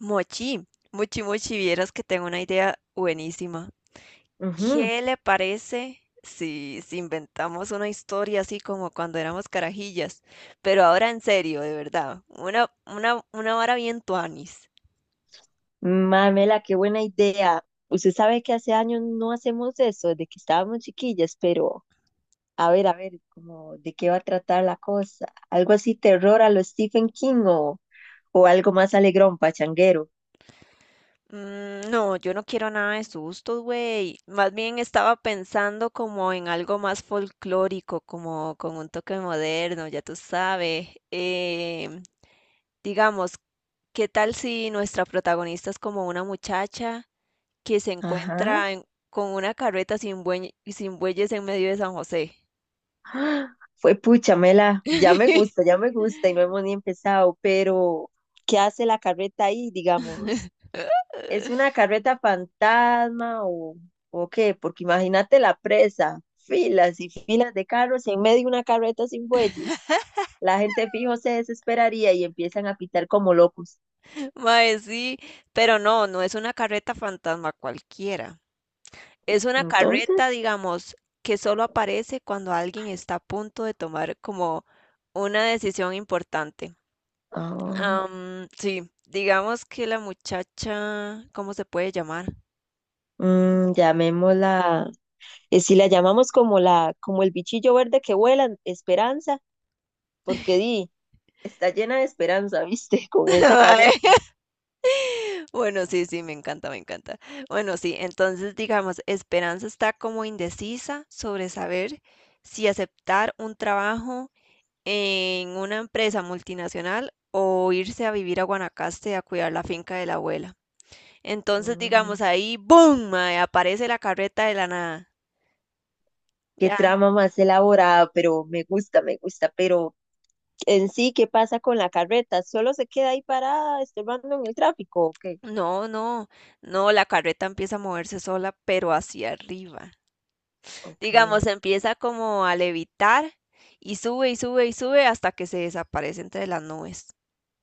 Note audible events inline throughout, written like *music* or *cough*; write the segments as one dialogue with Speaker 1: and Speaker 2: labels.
Speaker 1: Mochi, Mochi, Mochi, vieras que tengo una idea buenísima.
Speaker 2: Ujú.
Speaker 1: ¿Qué le parece si inventamos una historia así como cuando éramos carajillas? Pero ahora en serio, de verdad, una vara bien tuanis.
Speaker 2: Mamela, qué buena idea. Usted sabe que hace años no hacemos eso, desde que estábamos chiquillas, pero a ver, como de qué va a tratar la cosa. Algo así terror a lo Stephen King o algo más alegrón, pachanguero.
Speaker 1: No, yo no quiero nada de sustos, güey. Más bien estaba pensando como en algo más folclórico, como con un toque moderno, ya tú sabes. Digamos, ¿Qué tal si nuestra protagonista es como una muchacha que
Speaker 2: Ajá.
Speaker 1: con una carreta sin bueyes en medio de San José?
Speaker 2: ¡Ah! Fue pucha, Mela,
Speaker 1: *laughs*
Speaker 2: ya me gusta y no hemos ni empezado, pero ¿qué hace la carreta ahí, digamos? ¿Es una carreta fantasma o qué? Porque imagínate la presa, filas y filas de carros y en medio una carreta sin bueyes. La gente fijo se desesperaría y empiezan a pitar como locos.
Speaker 1: Mae, sí, pero no es una carreta fantasma cualquiera. Es una
Speaker 2: Entonces,
Speaker 1: carreta, digamos, que solo aparece cuando alguien está a punto de tomar como una decisión importante.
Speaker 2: ah,
Speaker 1: Sí, digamos que la muchacha, ¿cómo se puede llamar?
Speaker 2: llamémosla, si la llamamos como la, como el bichillo verde que vuela, Esperanza, porque di, está llena de esperanza, ¿viste? *laughs* Con
Speaker 1: *laughs*
Speaker 2: esa
Speaker 1: Vale.
Speaker 2: carreta.
Speaker 1: Bueno, sí, sí, me encanta, me encanta. Bueno, sí, entonces digamos, Esperanza está como indecisa sobre saber si aceptar un trabajo en una empresa multinacional o irse a vivir a Guanacaste a cuidar la finca de la abuela. Entonces,
Speaker 2: Mm,
Speaker 1: digamos, ahí, ¡boom! Mae, aparece la carreta de la nada.
Speaker 2: qué
Speaker 1: Ya.
Speaker 2: trama más elaborada, pero me gusta, pero en sí, ¿qué pasa con la carreta? ¿Solo se queda ahí parada, estorbando en el tráfico? Ok,
Speaker 1: No, no, no, la carreta empieza a moverse sola, pero hacia arriba. Digamos,
Speaker 2: ok.
Speaker 1: empieza como a levitar y sube y sube y sube hasta que se desaparece entre las nubes.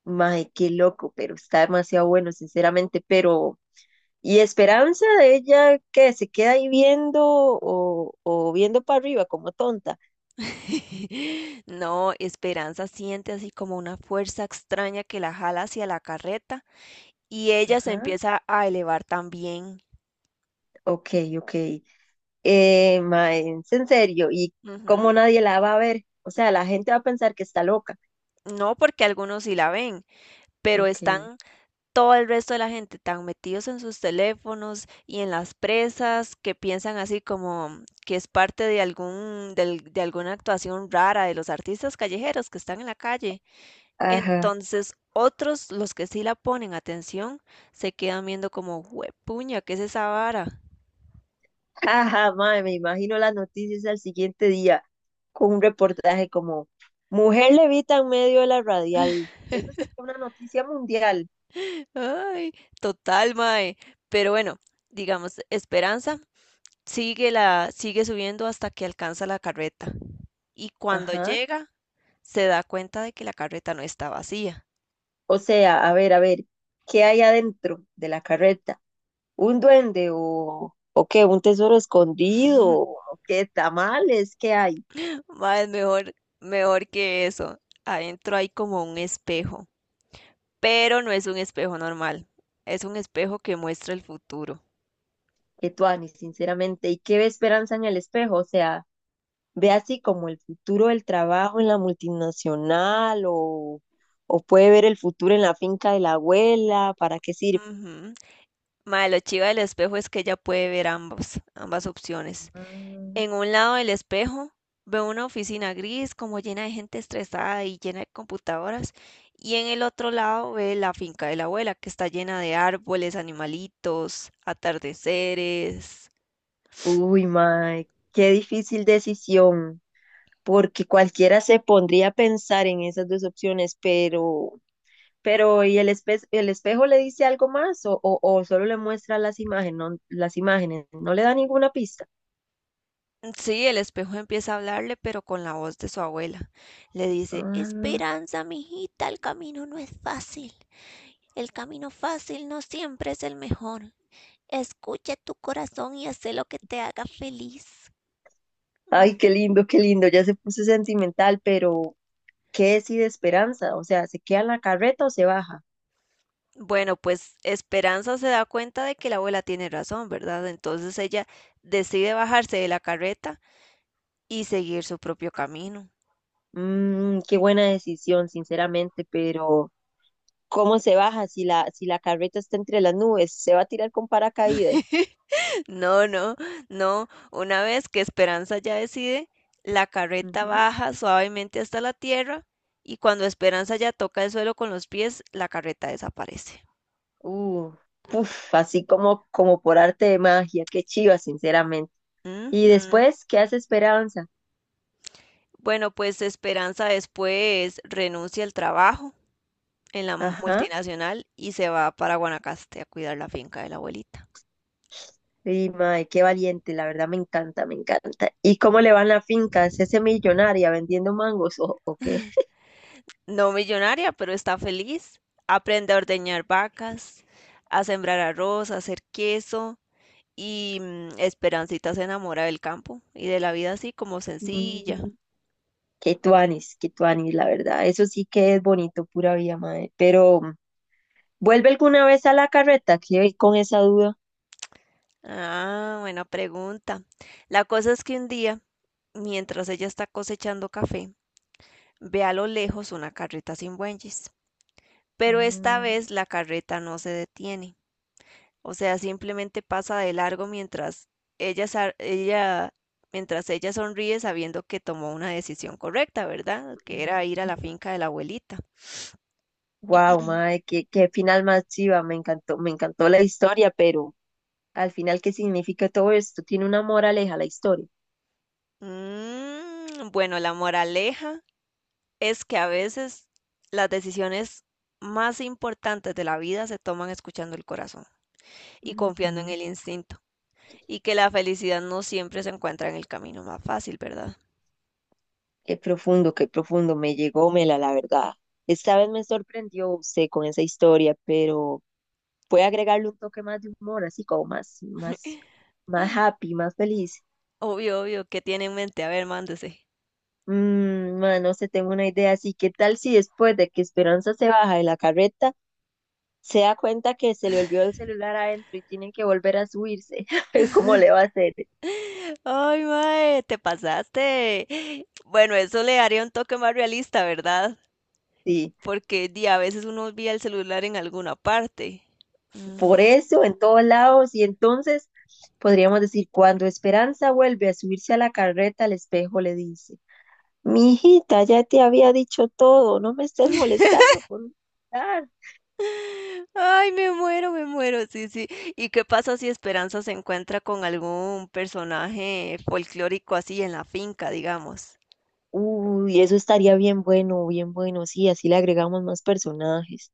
Speaker 2: Mae, qué loco, pero está demasiado bueno, sinceramente. Pero, ¿y esperanza de ella qué se queda ahí viendo o viendo para arriba como tonta?
Speaker 1: *laughs* No, Esperanza siente así como una fuerza extraña que la jala hacia la carreta y ella se
Speaker 2: Ajá,
Speaker 1: empieza a elevar también.
Speaker 2: ok, ok. Mae, es en serio, ¿y
Speaker 1: Ujú.
Speaker 2: cómo nadie la va a ver? O sea, la gente va a pensar que está loca.
Speaker 1: No, porque algunos sí la ven, pero
Speaker 2: Ok,
Speaker 1: están todo el resto de la gente tan metidos en sus teléfonos y en las presas que piensan así como que es parte de de alguna actuación rara de los artistas callejeros que están en la calle.
Speaker 2: ajá.
Speaker 1: Entonces, otros, los que sí la ponen atención, se quedan viendo como, puña, ¿qué es esa vara?
Speaker 2: Ajá, mae, me imagino las noticias al siguiente día con un reportaje como Mujer levita en medio de la radial. Eso sería una noticia mundial.
Speaker 1: *laughs* Ay, total, mae. Pero bueno, digamos, Esperanza sigue subiendo hasta que alcanza la carreta. Y cuando
Speaker 2: Ajá.
Speaker 1: llega se da cuenta de que la carreta no está vacía.
Speaker 2: O sea, a ver, ¿qué hay adentro de la carreta? ¿Un duende o qué? ¿Un tesoro escondido? ¿O qué tamales? ¿Qué hay?
Speaker 1: *laughs* Mae, es mejor que eso. Adentro hay como un espejo, pero no es un espejo normal. Es un espejo que muestra el futuro.
Speaker 2: Que tuani, sinceramente. ¿Y qué ve esperanza en el espejo? O sea, ve así como el futuro del trabajo en la multinacional o puede ver el futuro en la finca de la abuela, ¿para qué sirve?
Speaker 1: Ujú. Mae, lo chiva del espejo es que ella puede ver ambas opciones.
Speaker 2: Ah,
Speaker 1: En un lado del espejo veo una oficina gris como llena de gente estresada y llena de computadoras, y en el otro lado ve la finca de la abuela que está llena de árboles, animalitos, atardeceres.
Speaker 2: uy, mae, qué difícil decisión, porque cualquiera se pondría a pensar en esas dos opciones, pero ¿y el el espejo le dice algo más o solo le muestra las imágenes, no le da ninguna pista?
Speaker 1: Sí, el espejo empieza a hablarle, pero con la voz de su abuela. Le dice,
Speaker 2: Ah,
Speaker 1: Esperanza, mijita, el camino no es fácil. El camino fácil no siempre es el mejor. Escucha tu corazón y haz lo que te haga feliz.
Speaker 2: ay, qué lindo, ya se puso sentimental, pero ¿qué decide Esperanza? O sea, ¿se queda en la carreta o se baja?
Speaker 1: Bueno, pues Esperanza se da cuenta de que la abuela tiene razón, ¿verdad? Entonces ella decide bajarse de la carreta y seguir su propio camino.
Speaker 2: Qué buena decisión, sinceramente, pero ¿cómo se baja si si la carreta está entre las nubes? ¿Se va a tirar con paracaídas?
Speaker 1: *laughs* No, no, no. Una vez que Esperanza ya decide, la carreta
Speaker 2: Ujú.
Speaker 1: baja suavemente hasta la tierra y cuando Esperanza ya toca el suelo con los pies, la carreta desaparece.
Speaker 2: Uh, puf, así como, como por arte de magia, qué chiva, sinceramente. Y
Speaker 1: Ujú.
Speaker 2: después, ¿qué hace Esperanza?
Speaker 1: Bueno, pues Esperanza después renuncia al trabajo en la
Speaker 2: Ajá.
Speaker 1: multinacional y se va para Guanacaste a cuidar la finca de la abuelita.
Speaker 2: Y mae, qué valiente, la verdad me encanta, me encanta. ¿Y cómo le va en la finca? ¿Se hace millonaria vendiendo mangos o qué?
Speaker 1: No millonaria, pero está feliz. Aprende a ordeñar vacas, a sembrar arroz, a hacer queso y Esperancita se enamora del campo y de la vida así como sencilla.
Speaker 2: Mm. Qué tuanis, la verdad. Eso sí que es bonito, pura vida, madre. Pero, ¿vuelve alguna vez a la carreta? Quedé con esa duda.
Speaker 1: Ah, buena pregunta. La cosa es que un día, mientras ella está cosechando café, ve a lo lejos una carreta sin bueyes, pero esta
Speaker 2: Mm.
Speaker 1: vez la carreta no se detiene. O sea, simplemente pasa de largo mientras ella, sa- ella, mientras ella sonríe sabiendo que tomó una decisión correcta, ¿verdad? Que era ir a la finca de la abuelita.
Speaker 2: Wow, madre, qué final más chiva. Me encantó la historia, pero al final, ¿qué significa todo esto? Tiene una moraleja la historia.
Speaker 1: Bueno, la moraleja es que a veces las decisiones más importantes de la vida se toman escuchando el corazón y confiando en
Speaker 2: Ujú.
Speaker 1: el instinto, y que la felicidad no siempre se encuentra en el camino más fácil, ¿verdad?
Speaker 2: Qué profundo, qué profundo. Me llegó Mela, la verdad. Esta vez me sorprendió usted con esa historia, pero puede agregarle un toque más de humor, así como más happy, más feliz.
Speaker 1: Obvio, obvio, ¿qué tiene en mente? A ver, mándese.
Speaker 2: Ma, no sé, tengo una idea. Así, ¿qué tal si después de que Esperanza se baja de la carreta, se da cuenta que se le olvidó el celular adentro y tienen que volver a subirse? *laughs* ¿Cómo le va a hacer?
Speaker 1: Ay, mae, te pasaste. Bueno, eso le daría un toque más realista, ¿verdad?
Speaker 2: Sí,
Speaker 1: Porque di, a veces uno olvida el celular en alguna parte. Mm.
Speaker 2: por eso, en todos lados. Y entonces podríamos decir, cuando Esperanza vuelve a subirse a la carreta, el espejo le dice, mi hijita, ya te había dicho todo, no me estés molestando con
Speaker 1: Ay, me muero, sí, sí. ¿Y qué pasa si Esperanza se encuentra con algún personaje folclórico así en la finca, digamos?
Speaker 2: uy, eso estaría bien bueno, sí, así le agregamos más personajes.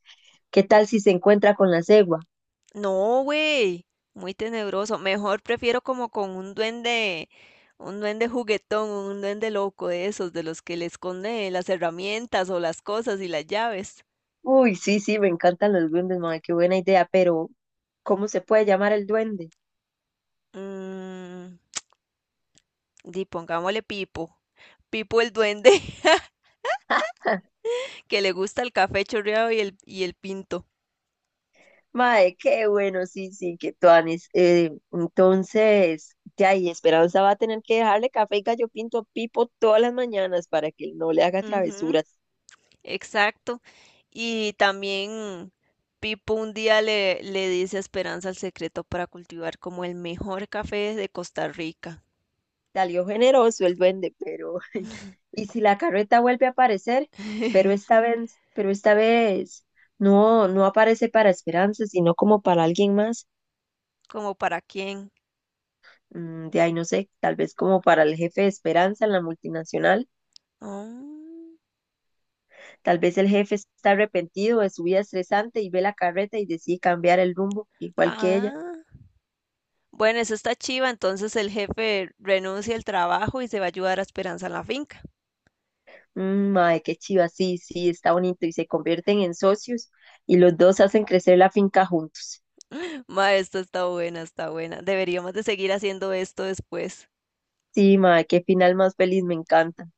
Speaker 2: ¿Qué tal si se encuentra con la cegua?
Speaker 1: No, güey, muy tenebroso. Mejor prefiero como con un duende juguetón, un duende loco de esos, de los que le esconde las herramientas o las cosas y las llaves.
Speaker 2: Uy, sí, sí, me encantan los duendes, mae, qué buena idea, pero ¿cómo se puede llamar el duende?
Speaker 1: Mmm, di, pongámosle Pipo. Pipo el duende *laughs* que le gusta el café chorreado y el pinto.
Speaker 2: Mae, qué bueno, sí, sí, qué tuanis. Entonces, de ahí, Esperanza va a tener que dejarle café y gallo pinto a Pipo todas las mañanas para que él no le haga
Speaker 1: Ujú,
Speaker 2: travesuras.
Speaker 1: exacto. Y también Pipo un día le dice a Esperanza el secreto para cultivar como el mejor café de Costa Rica.
Speaker 2: Salió generoso el duende, pero
Speaker 1: *laughs*
Speaker 2: y si la carreta vuelve a aparecer,
Speaker 1: *laughs*
Speaker 2: pero esta vez no, no aparece para Esperanza, sino como para alguien más.
Speaker 1: ¿Como para quién?
Speaker 2: De ahí no sé, tal vez como para el jefe de Esperanza en la multinacional.
Speaker 1: Mm,
Speaker 2: Tal vez el jefe está arrepentido de su vida estresante y ve la carreta y decide cambiar el rumbo, igual que ella.
Speaker 1: ah, bueno, eso está chiva. Entonces el jefe renuncia al trabajo y se va a ayudar a Esperanza en la finca.
Speaker 2: Mae, qué chiva, sí, sí, está bonito. Y se convierten en socios y los dos hacen crecer la finca juntos.
Speaker 1: *laughs* Ma, esto está buena, está buena. Deberíamos de seguir haciendo esto después.
Speaker 2: Sí, mae, qué final más feliz, me encanta.